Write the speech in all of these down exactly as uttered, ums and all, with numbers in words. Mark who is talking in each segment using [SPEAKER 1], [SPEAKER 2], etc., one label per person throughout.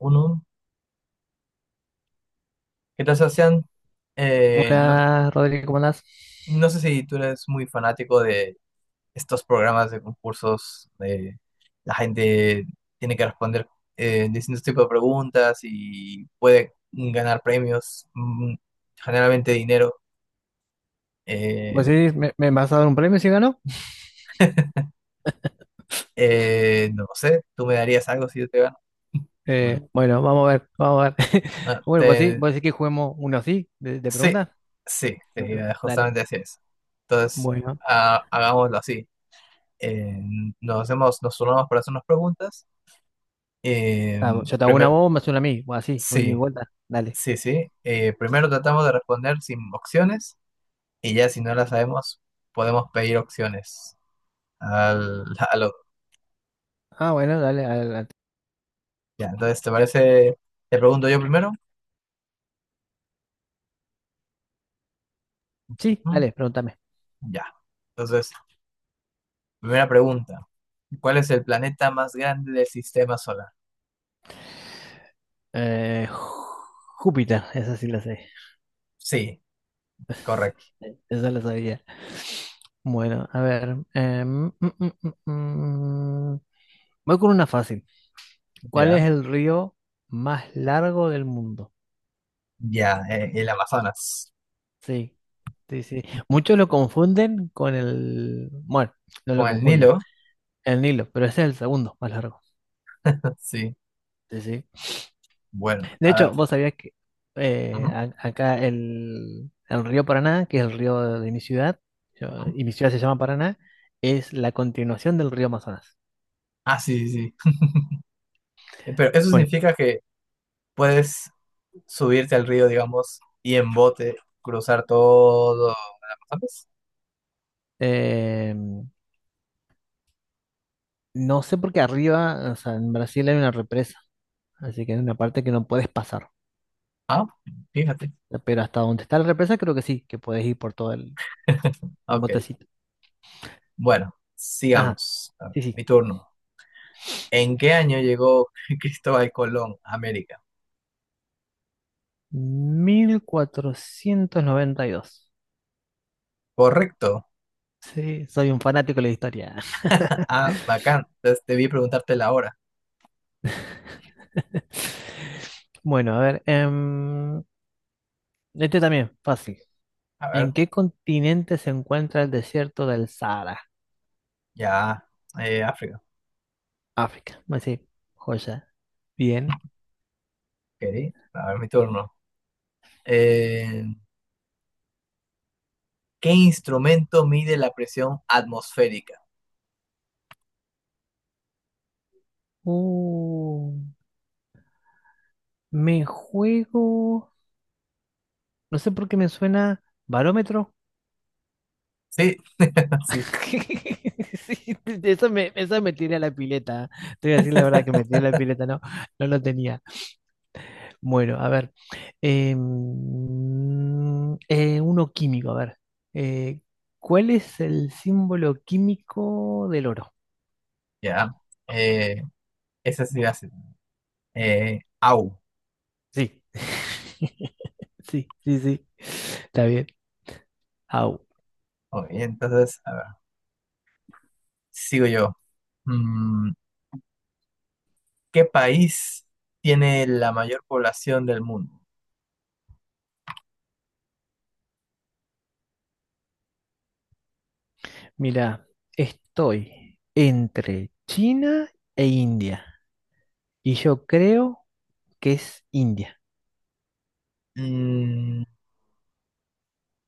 [SPEAKER 1] Uno. ¿Qué tal, Sebastián? Eh, no,
[SPEAKER 2] Hola, Rodrigo, ¿cómo andás?
[SPEAKER 1] no sé si tú eres muy fanático de estos programas de concursos, de la gente tiene que responder eh, distintos tipos de preguntas y puede ganar premios, mm, generalmente dinero. Eh,
[SPEAKER 2] Pues sí, me, me vas a dar un premio si gano.
[SPEAKER 1] eh, no sé, ¿tú me darías algo si yo te gano? Bueno,
[SPEAKER 2] Eh, bueno, vamos a ver, vamos a ver.
[SPEAKER 1] ah,
[SPEAKER 2] Bueno, pues sí,
[SPEAKER 1] te-
[SPEAKER 2] vos decís que juguemos uno así, de, de
[SPEAKER 1] sí,
[SPEAKER 2] preguntas.
[SPEAKER 1] sí, te iba
[SPEAKER 2] Dale.
[SPEAKER 1] justamente a decir eso. Entonces,
[SPEAKER 2] Bueno,
[SPEAKER 1] ah, hagámoslo así. Eh, nos hacemos, nos turnamos para hacernos preguntas. Eh,
[SPEAKER 2] Ah, vos- yo te hago una
[SPEAKER 1] primer-
[SPEAKER 2] bomba, me haces una a mí, o así, voy de
[SPEAKER 1] sí,
[SPEAKER 2] vuelta. Dale.
[SPEAKER 1] sí, sí. Eh, primero tratamos de responder sin opciones y ya si no las sabemos, podemos pedir opciones al, al otro.
[SPEAKER 2] Ah, bueno, dale, adelante.
[SPEAKER 1] Ya, entonces, ¿te parece? ¿Te pregunto yo primero?
[SPEAKER 2] Sí,
[SPEAKER 1] Ujú,
[SPEAKER 2] dale, pregúntame.
[SPEAKER 1] ya. Entonces, primera pregunta. ¿Cuál es el planeta más grande del sistema solar?
[SPEAKER 2] Eh, Júpiter, esa sí la sé.
[SPEAKER 1] Sí, correcto.
[SPEAKER 2] Esa la sabía. Bueno, a ver. em, mm, mm, mm, mm. Voy con una fácil. ¿Cuál es
[SPEAKER 1] Ya,
[SPEAKER 2] el río más largo del mundo?
[SPEAKER 1] ya, eh, el Amazonas.
[SPEAKER 2] Sí, sí, sí. Muchos lo confunden con el. Bueno, no lo
[SPEAKER 1] Con el
[SPEAKER 2] confunden.
[SPEAKER 1] Nilo,
[SPEAKER 2] El Nilo, pero ese es el segundo más largo.
[SPEAKER 1] sí.
[SPEAKER 2] Sí, sí.
[SPEAKER 1] Bueno,
[SPEAKER 2] De
[SPEAKER 1] a ver.
[SPEAKER 2] hecho, vos sabías que eh,
[SPEAKER 1] Ujú,
[SPEAKER 2] a- acá el, el río Paraná, que es el río de mi ciudad, yo-
[SPEAKER 1] ujú.
[SPEAKER 2] y mi ciudad se llama Paraná, es la continuación del río Amazonas.
[SPEAKER 1] Ah, sí, sí, sí. Eh, Pero eso
[SPEAKER 2] Bueno,
[SPEAKER 1] significa que puedes subirte al río, digamos, y en bote cruzar todo Amazonas.
[SPEAKER 2] eh, no sé por qué arriba, o sea, en Brasil hay una represa, así que hay una parte que no puedes pasar.
[SPEAKER 1] Ah, fíjate.
[SPEAKER 2] Pero hasta donde está la represa, creo que sí, que puedes ir por todo el, el
[SPEAKER 1] Ok,
[SPEAKER 2] botecito.
[SPEAKER 1] bueno,
[SPEAKER 2] Ajá,
[SPEAKER 1] sigamos. A ver,
[SPEAKER 2] sí, sí.
[SPEAKER 1] mi turno. ¿En qué año llegó Cristóbal Colón a América?
[SPEAKER 2] Mil cuatrocientos noventa y dos.
[SPEAKER 1] Correcto.
[SPEAKER 2] Sí, soy un fanático de la historia.
[SPEAKER 1] Ah, bacán. Entonces debí preguntarte la hora.
[SPEAKER 2] Bueno, a ver. em, este también, fácil.
[SPEAKER 1] A ver,
[SPEAKER 2] ¿En qué continente se encuentra el desierto del Sahara?
[SPEAKER 1] ya. Eh, África.
[SPEAKER 2] África. Así, joya. Bien.
[SPEAKER 1] Ok, a ver, mi turno. Eh, ¿qué instrumento mide la presión atmosférica?
[SPEAKER 2] Uh, me juego. No sé por qué me suena barómetro.
[SPEAKER 1] Sí, sí.
[SPEAKER 2] Sí, eso me, eso me tiré a la pileta. ¿Eh? Te voy a decir la verdad que me tiré a la pileta, no, no lo tenía. Bueno, a ver. eh, mm, eh, uno químico, a ver. eh, ¿cuál es el símbolo químico del oro?
[SPEAKER 1] Ya, eh, esa sí hace. Eh, au.
[SPEAKER 2] Sí. Sí, sí, sí. Está bien. Au.
[SPEAKER 1] Ok, entonces, a ver, sigo yo. Mm, ¿qué país tiene la mayor población del mundo?
[SPEAKER 2] Mira, estoy entre China e India. Y yo creo que es India.
[SPEAKER 1] Mm,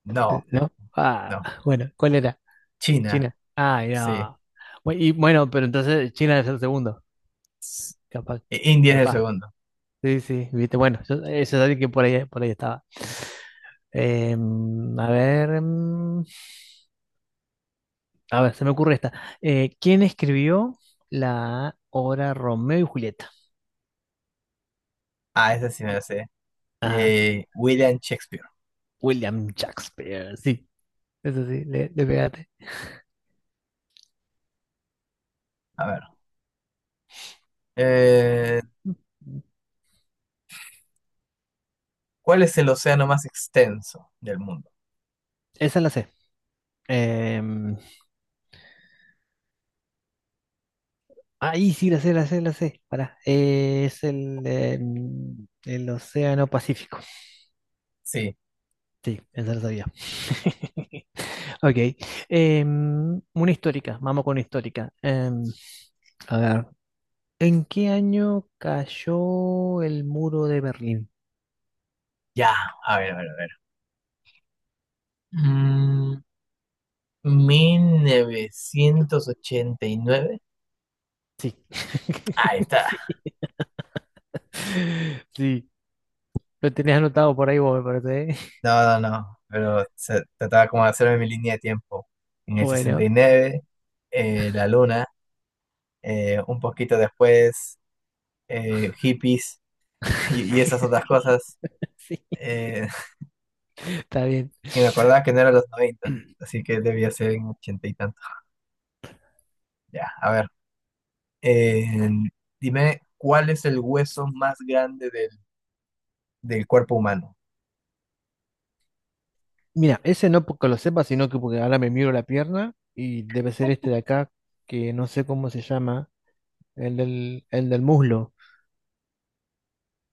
[SPEAKER 1] no,
[SPEAKER 2] ¿No? Ah,
[SPEAKER 1] no.
[SPEAKER 2] bueno, ¿cuál era?
[SPEAKER 1] China,
[SPEAKER 2] China. Ah,
[SPEAKER 1] sí.
[SPEAKER 2] no. Bu- Y bueno, pero entonces China es el segundo.
[SPEAKER 1] S-
[SPEAKER 2] Capaz,
[SPEAKER 1] eh, India es el
[SPEAKER 2] capaz.
[SPEAKER 1] segundo.
[SPEAKER 2] Sí, sí, viste. Bueno, yo- eso es alguien que por ahí, por ahí estaba. Em, a ver, em, a ver, se me ocurre esta. Eh, ¿quién escribió la obra Romeo y Julieta?
[SPEAKER 1] Ah, ese sí me lo sé.
[SPEAKER 2] Ah,
[SPEAKER 1] Eh, William Shakespeare.
[SPEAKER 2] William Shakespeare. Sí, eso sí, le, le pegaste.
[SPEAKER 1] A ver. Eh, ¿cuál es el océano más extenso del mundo?
[SPEAKER 2] Esa la sé. Em, ahí sí, la sé, la sé, la sé. Pará. Eh, es el, em, el Océano Pacífico.
[SPEAKER 1] Sí,
[SPEAKER 2] Sí, esa la sabía. Ok. Em, una histórica, vamos con una histórica. Em, a ver, ¿en qué año cayó el muro de Berlín?
[SPEAKER 1] ya. A ver, a ver, a ver. Mm, mil novecientos ochenta y nueve.
[SPEAKER 2] Sí.
[SPEAKER 1] Ahí está.
[SPEAKER 2] Sí. Sí. Lo tenías anotado por ahí vos, me parece. ¿Eh?
[SPEAKER 1] No, no, no, pero se trataba como de hacerme mi línea de tiempo. En el
[SPEAKER 2] Bueno,
[SPEAKER 1] sesenta y nueve, eh, la luna, eh, un poquito después, eh, hippies y, y esas otras cosas.
[SPEAKER 2] sí,
[SPEAKER 1] eh,
[SPEAKER 2] está bien.
[SPEAKER 1] y me acordaba que no eran los noventa, así que debía ser en ochenta y tanto. Ya, a ver. eh, dime, ¿cuál es el hueso más grande del, del cuerpo humano?
[SPEAKER 2] Mira, ese no porque lo sepa, sino que porque ahora me miro la pierna y debe ser este de acá, que no sé cómo se llama, el del, el del muslo,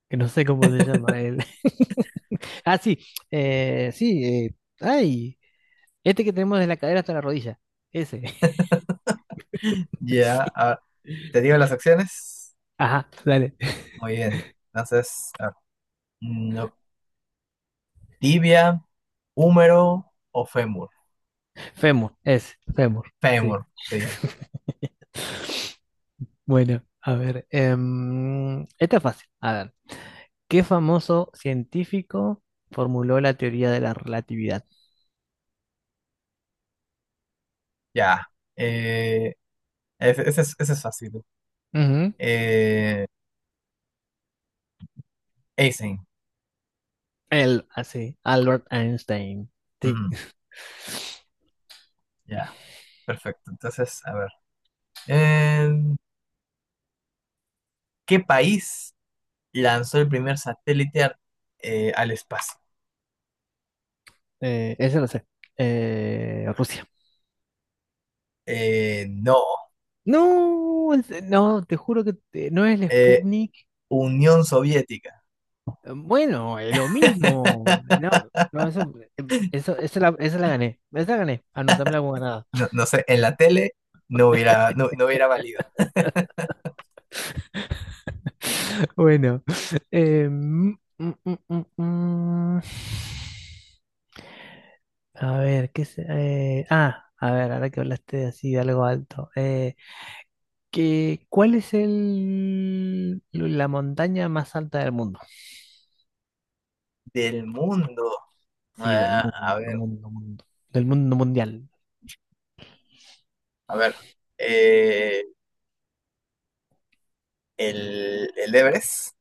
[SPEAKER 2] que no sé cómo se llama él. Ah, sí, eh, sí, eh, ay, este que tenemos de la cadera hasta la rodilla, ese,
[SPEAKER 1] Ya,
[SPEAKER 2] sí,
[SPEAKER 1] ah, ¿te digo las acciones?
[SPEAKER 2] ajá, dale,
[SPEAKER 1] Muy bien. Entonces, a ver, mm, no- tibia, húmero o fémur.
[SPEAKER 2] fémur, ese, fémur, sí,
[SPEAKER 1] Fémur, sí.
[SPEAKER 2] bueno, a ver, em, esta es fácil, a ver, ¿qué famoso científico formuló la teoría de la relatividad?
[SPEAKER 1] Ya. Eh, ese, ese es, ese es fácil.
[SPEAKER 2] Ujú,
[SPEAKER 1] Eh, Eisen.
[SPEAKER 2] Él, así, Albert Einstein,
[SPEAKER 1] Ujú.
[SPEAKER 2] sí,
[SPEAKER 1] Ya, perfecto. Entonces, a ver. En ¿qué país lanzó el primer satélite ar- eh, al espacio?
[SPEAKER 2] eh, ese lo sé, eh, Rusia.
[SPEAKER 1] Eh, no.
[SPEAKER 2] No, en se- no, te juro que te- no es el
[SPEAKER 1] Eh,
[SPEAKER 2] Sputnik,
[SPEAKER 1] Unión Soviética.
[SPEAKER 2] Bueno, eh, lo mismo. No, no, eso, eh, eso, esa la, esa la gané. Esa la gané. Anotámela como ganada.
[SPEAKER 1] No, no sé, en la tele no hubiera, no, no hubiera valido.
[SPEAKER 2] Bueno. eh, mm, mm, mm, mm, mm. A ver, ¿qué se, eh, ah, a ver, ahora que hablaste así de algo alto. eh, ¿qué- ¿cuál es el, la montaña más alta del mundo?
[SPEAKER 1] Del mundo.
[SPEAKER 2] Sí, del
[SPEAKER 1] Ah, a
[SPEAKER 2] mundo,
[SPEAKER 1] ver.
[SPEAKER 2] mundo, mundo. Del mundo mundial.
[SPEAKER 1] A ver, eh, el, el Everest.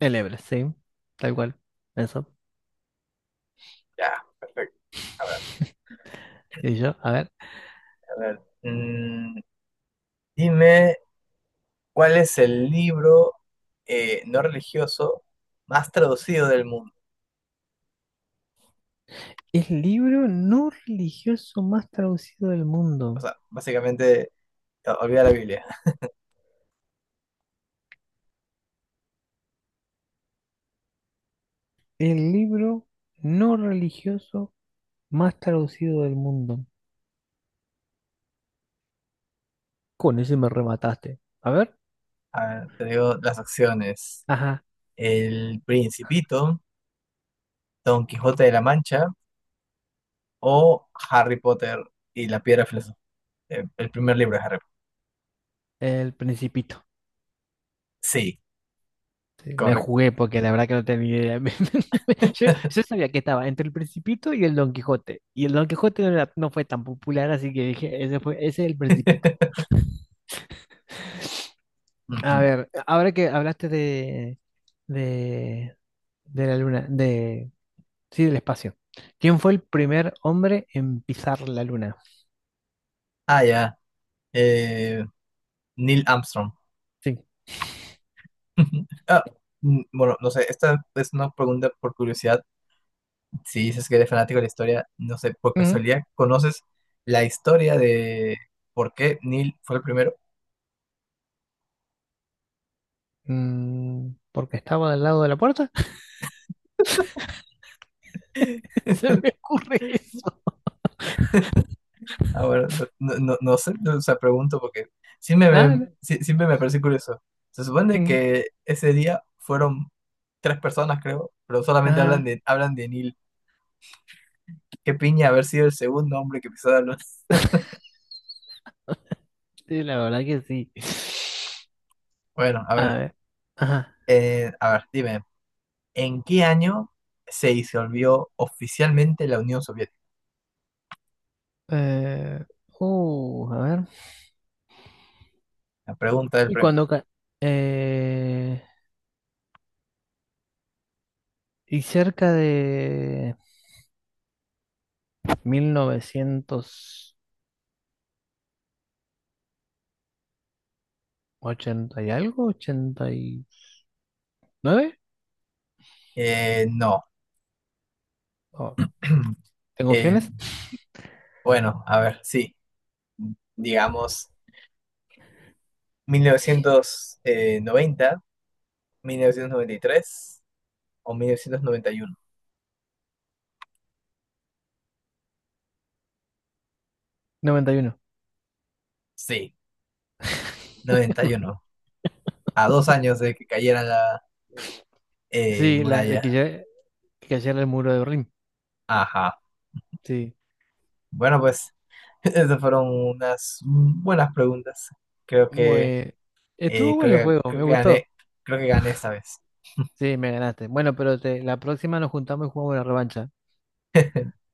[SPEAKER 2] El Everest, sí. Tal cual. Eso.
[SPEAKER 1] Ya, perfecto. A ver,
[SPEAKER 2] Y yo, a ver.
[SPEAKER 1] a ver. mm, dime, ¿cuál es el libro eh, no religioso más traducido del mundo?
[SPEAKER 2] El libro no religioso más traducido del
[SPEAKER 1] O
[SPEAKER 2] mundo.
[SPEAKER 1] sea, básicamente, o- olvida la Biblia.
[SPEAKER 2] El libro no religioso más traducido del mundo. Con ese me remataste. A ver.
[SPEAKER 1] A ver, te digo las opciones.
[SPEAKER 2] Ajá,
[SPEAKER 1] El Principito, Don Quijote de la Mancha o Harry Potter y la Piedra Filosofal. Eh, El primer libro de Harry Potter.
[SPEAKER 2] El Principito.
[SPEAKER 1] Sí,
[SPEAKER 2] Sí, me
[SPEAKER 1] correcto.
[SPEAKER 2] jugué porque la verdad que no tenía idea. Me- me- Yo, yo sabía que estaba entre El Principito y el Don Quijote. Y el Don Quijote no, era- no fue tan popular, así que dije, ese fue, ese es El Principito. A
[SPEAKER 1] Ujú.
[SPEAKER 2] ver, ahora que hablaste de, de, de la luna, de, sí, del espacio. ¿Quién fue el primer hombre en pisar la luna?
[SPEAKER 1] Ah, ya. Eh, Neil Armstrong.
[SPEAKER 2] Sí.
[SPEAKER 1] Ah, mm, bueno, no sé, esta es una pregunta por curiosidad. Si dices que eres fanático de la historia, no sé, por
[SPEAKER 2] Ujú.
[SPEAKER 1] casualidad, ¿conoces la historia de por qué Neil fue el primero?
[SPEAKER 2] Mm, porque estaba del lado de la puerta. Se me ocurre eso.
[SPEAKER 1] Ah, bueno, no, no, no sé, no, o sea, pregunto porque sí me,
[SPEAKER 2] Ah,
[SPEAKER 1] me-
[SPEAKER 2] no.
[SPEAKER 1] sí- siempre me parece curioso. Se supone
[SPEAKER 2] Mm,
[SPEAKER 1] que ese día fueron tres personas, creo, pero solamente hablan
[SPEAKER 2] ajá.
[SPEAKER 1] de, hablan de Neil. Qué piña haber sido el segundo hombre que pisó la luna.
[SPEAKER 2] Sí, la verdad que sí.
[SPEAKER 1] Bueno, a
[SPEAKER 2] A
[SPEAKER 1] ver,
[SPEAKER 2] ver. Ajá.
[SPEAKER 1] eh, a ver, dime. ¿En qué año se disolvió oficialmente la Unión Soviética?
[SPEAKER 2] Eh, uh, a ver.
[SPEAKER 1] La pregunta del
[SPEAKER 2] Y
[SPEAKER 1] premio.
[SPEAKER 2] cuando... ca- eh, y cerca de mil novecientos ochenta y algo, ochenta y nueve.
[SPEAKER 1] Eh, no.
[SPEAKER 2] Oh, ¿tengo opciones?
[SPEAKER 1] El- bueno, a ver, sí. Digamos, mil mil novecientos novecientos noventa, mil novecientos noventa y tres o mil novecientos noventa y uno.
[SPEAKER 2] Noventa y uno.
[SPEAKER 1] Sí, noventa y uno, a dos años de que cayera la eh,
[SPEAKER 2] Sí, la, la
[SPEAKER 1] muralla.
[SPEAKER 2] que ya que cayera el muro de Berlín.
[SPEAKER 1] Ajá.
[SPEAKER 2] Sí.
[SPEAKER 1] Bueno, pues esas fueron unas buenas preguntas. Creo que,
[SPEAKER 2] Muy,
[SPEAKER 1] eh,
[SPEAKER 2] estuvo bueno el
[SPEAKER 1] creo que,
[SPEAKER 2] juego,
[SPEAKER 1] creo
[SPEAKER 2] me
[SPEAKER 1] que gané,
[SPEAKER 2] gustó.
[SPEAKER 1] creo que gané esta vez.
[SPEAKER 2] Sí, me ganaste. Bueno, pero te, la próxima nos juntamos y jugamos la revancha.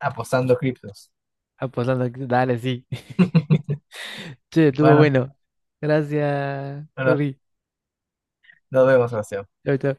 [SPEAKER 1] Apostando criptos.
[SPEAKER 2] Apostando, que- dale, sí. Che, estuvo
[SPEAKER 1] Bueno,
[SPEAKER 2] bueno. Gracias,
[SPEAKER 1] bueno,
[SPEAKER 2] Rodri.
[SPEAKER 1] nos vemos, Sebastián.
[SPEAKER 2] Chau, chau.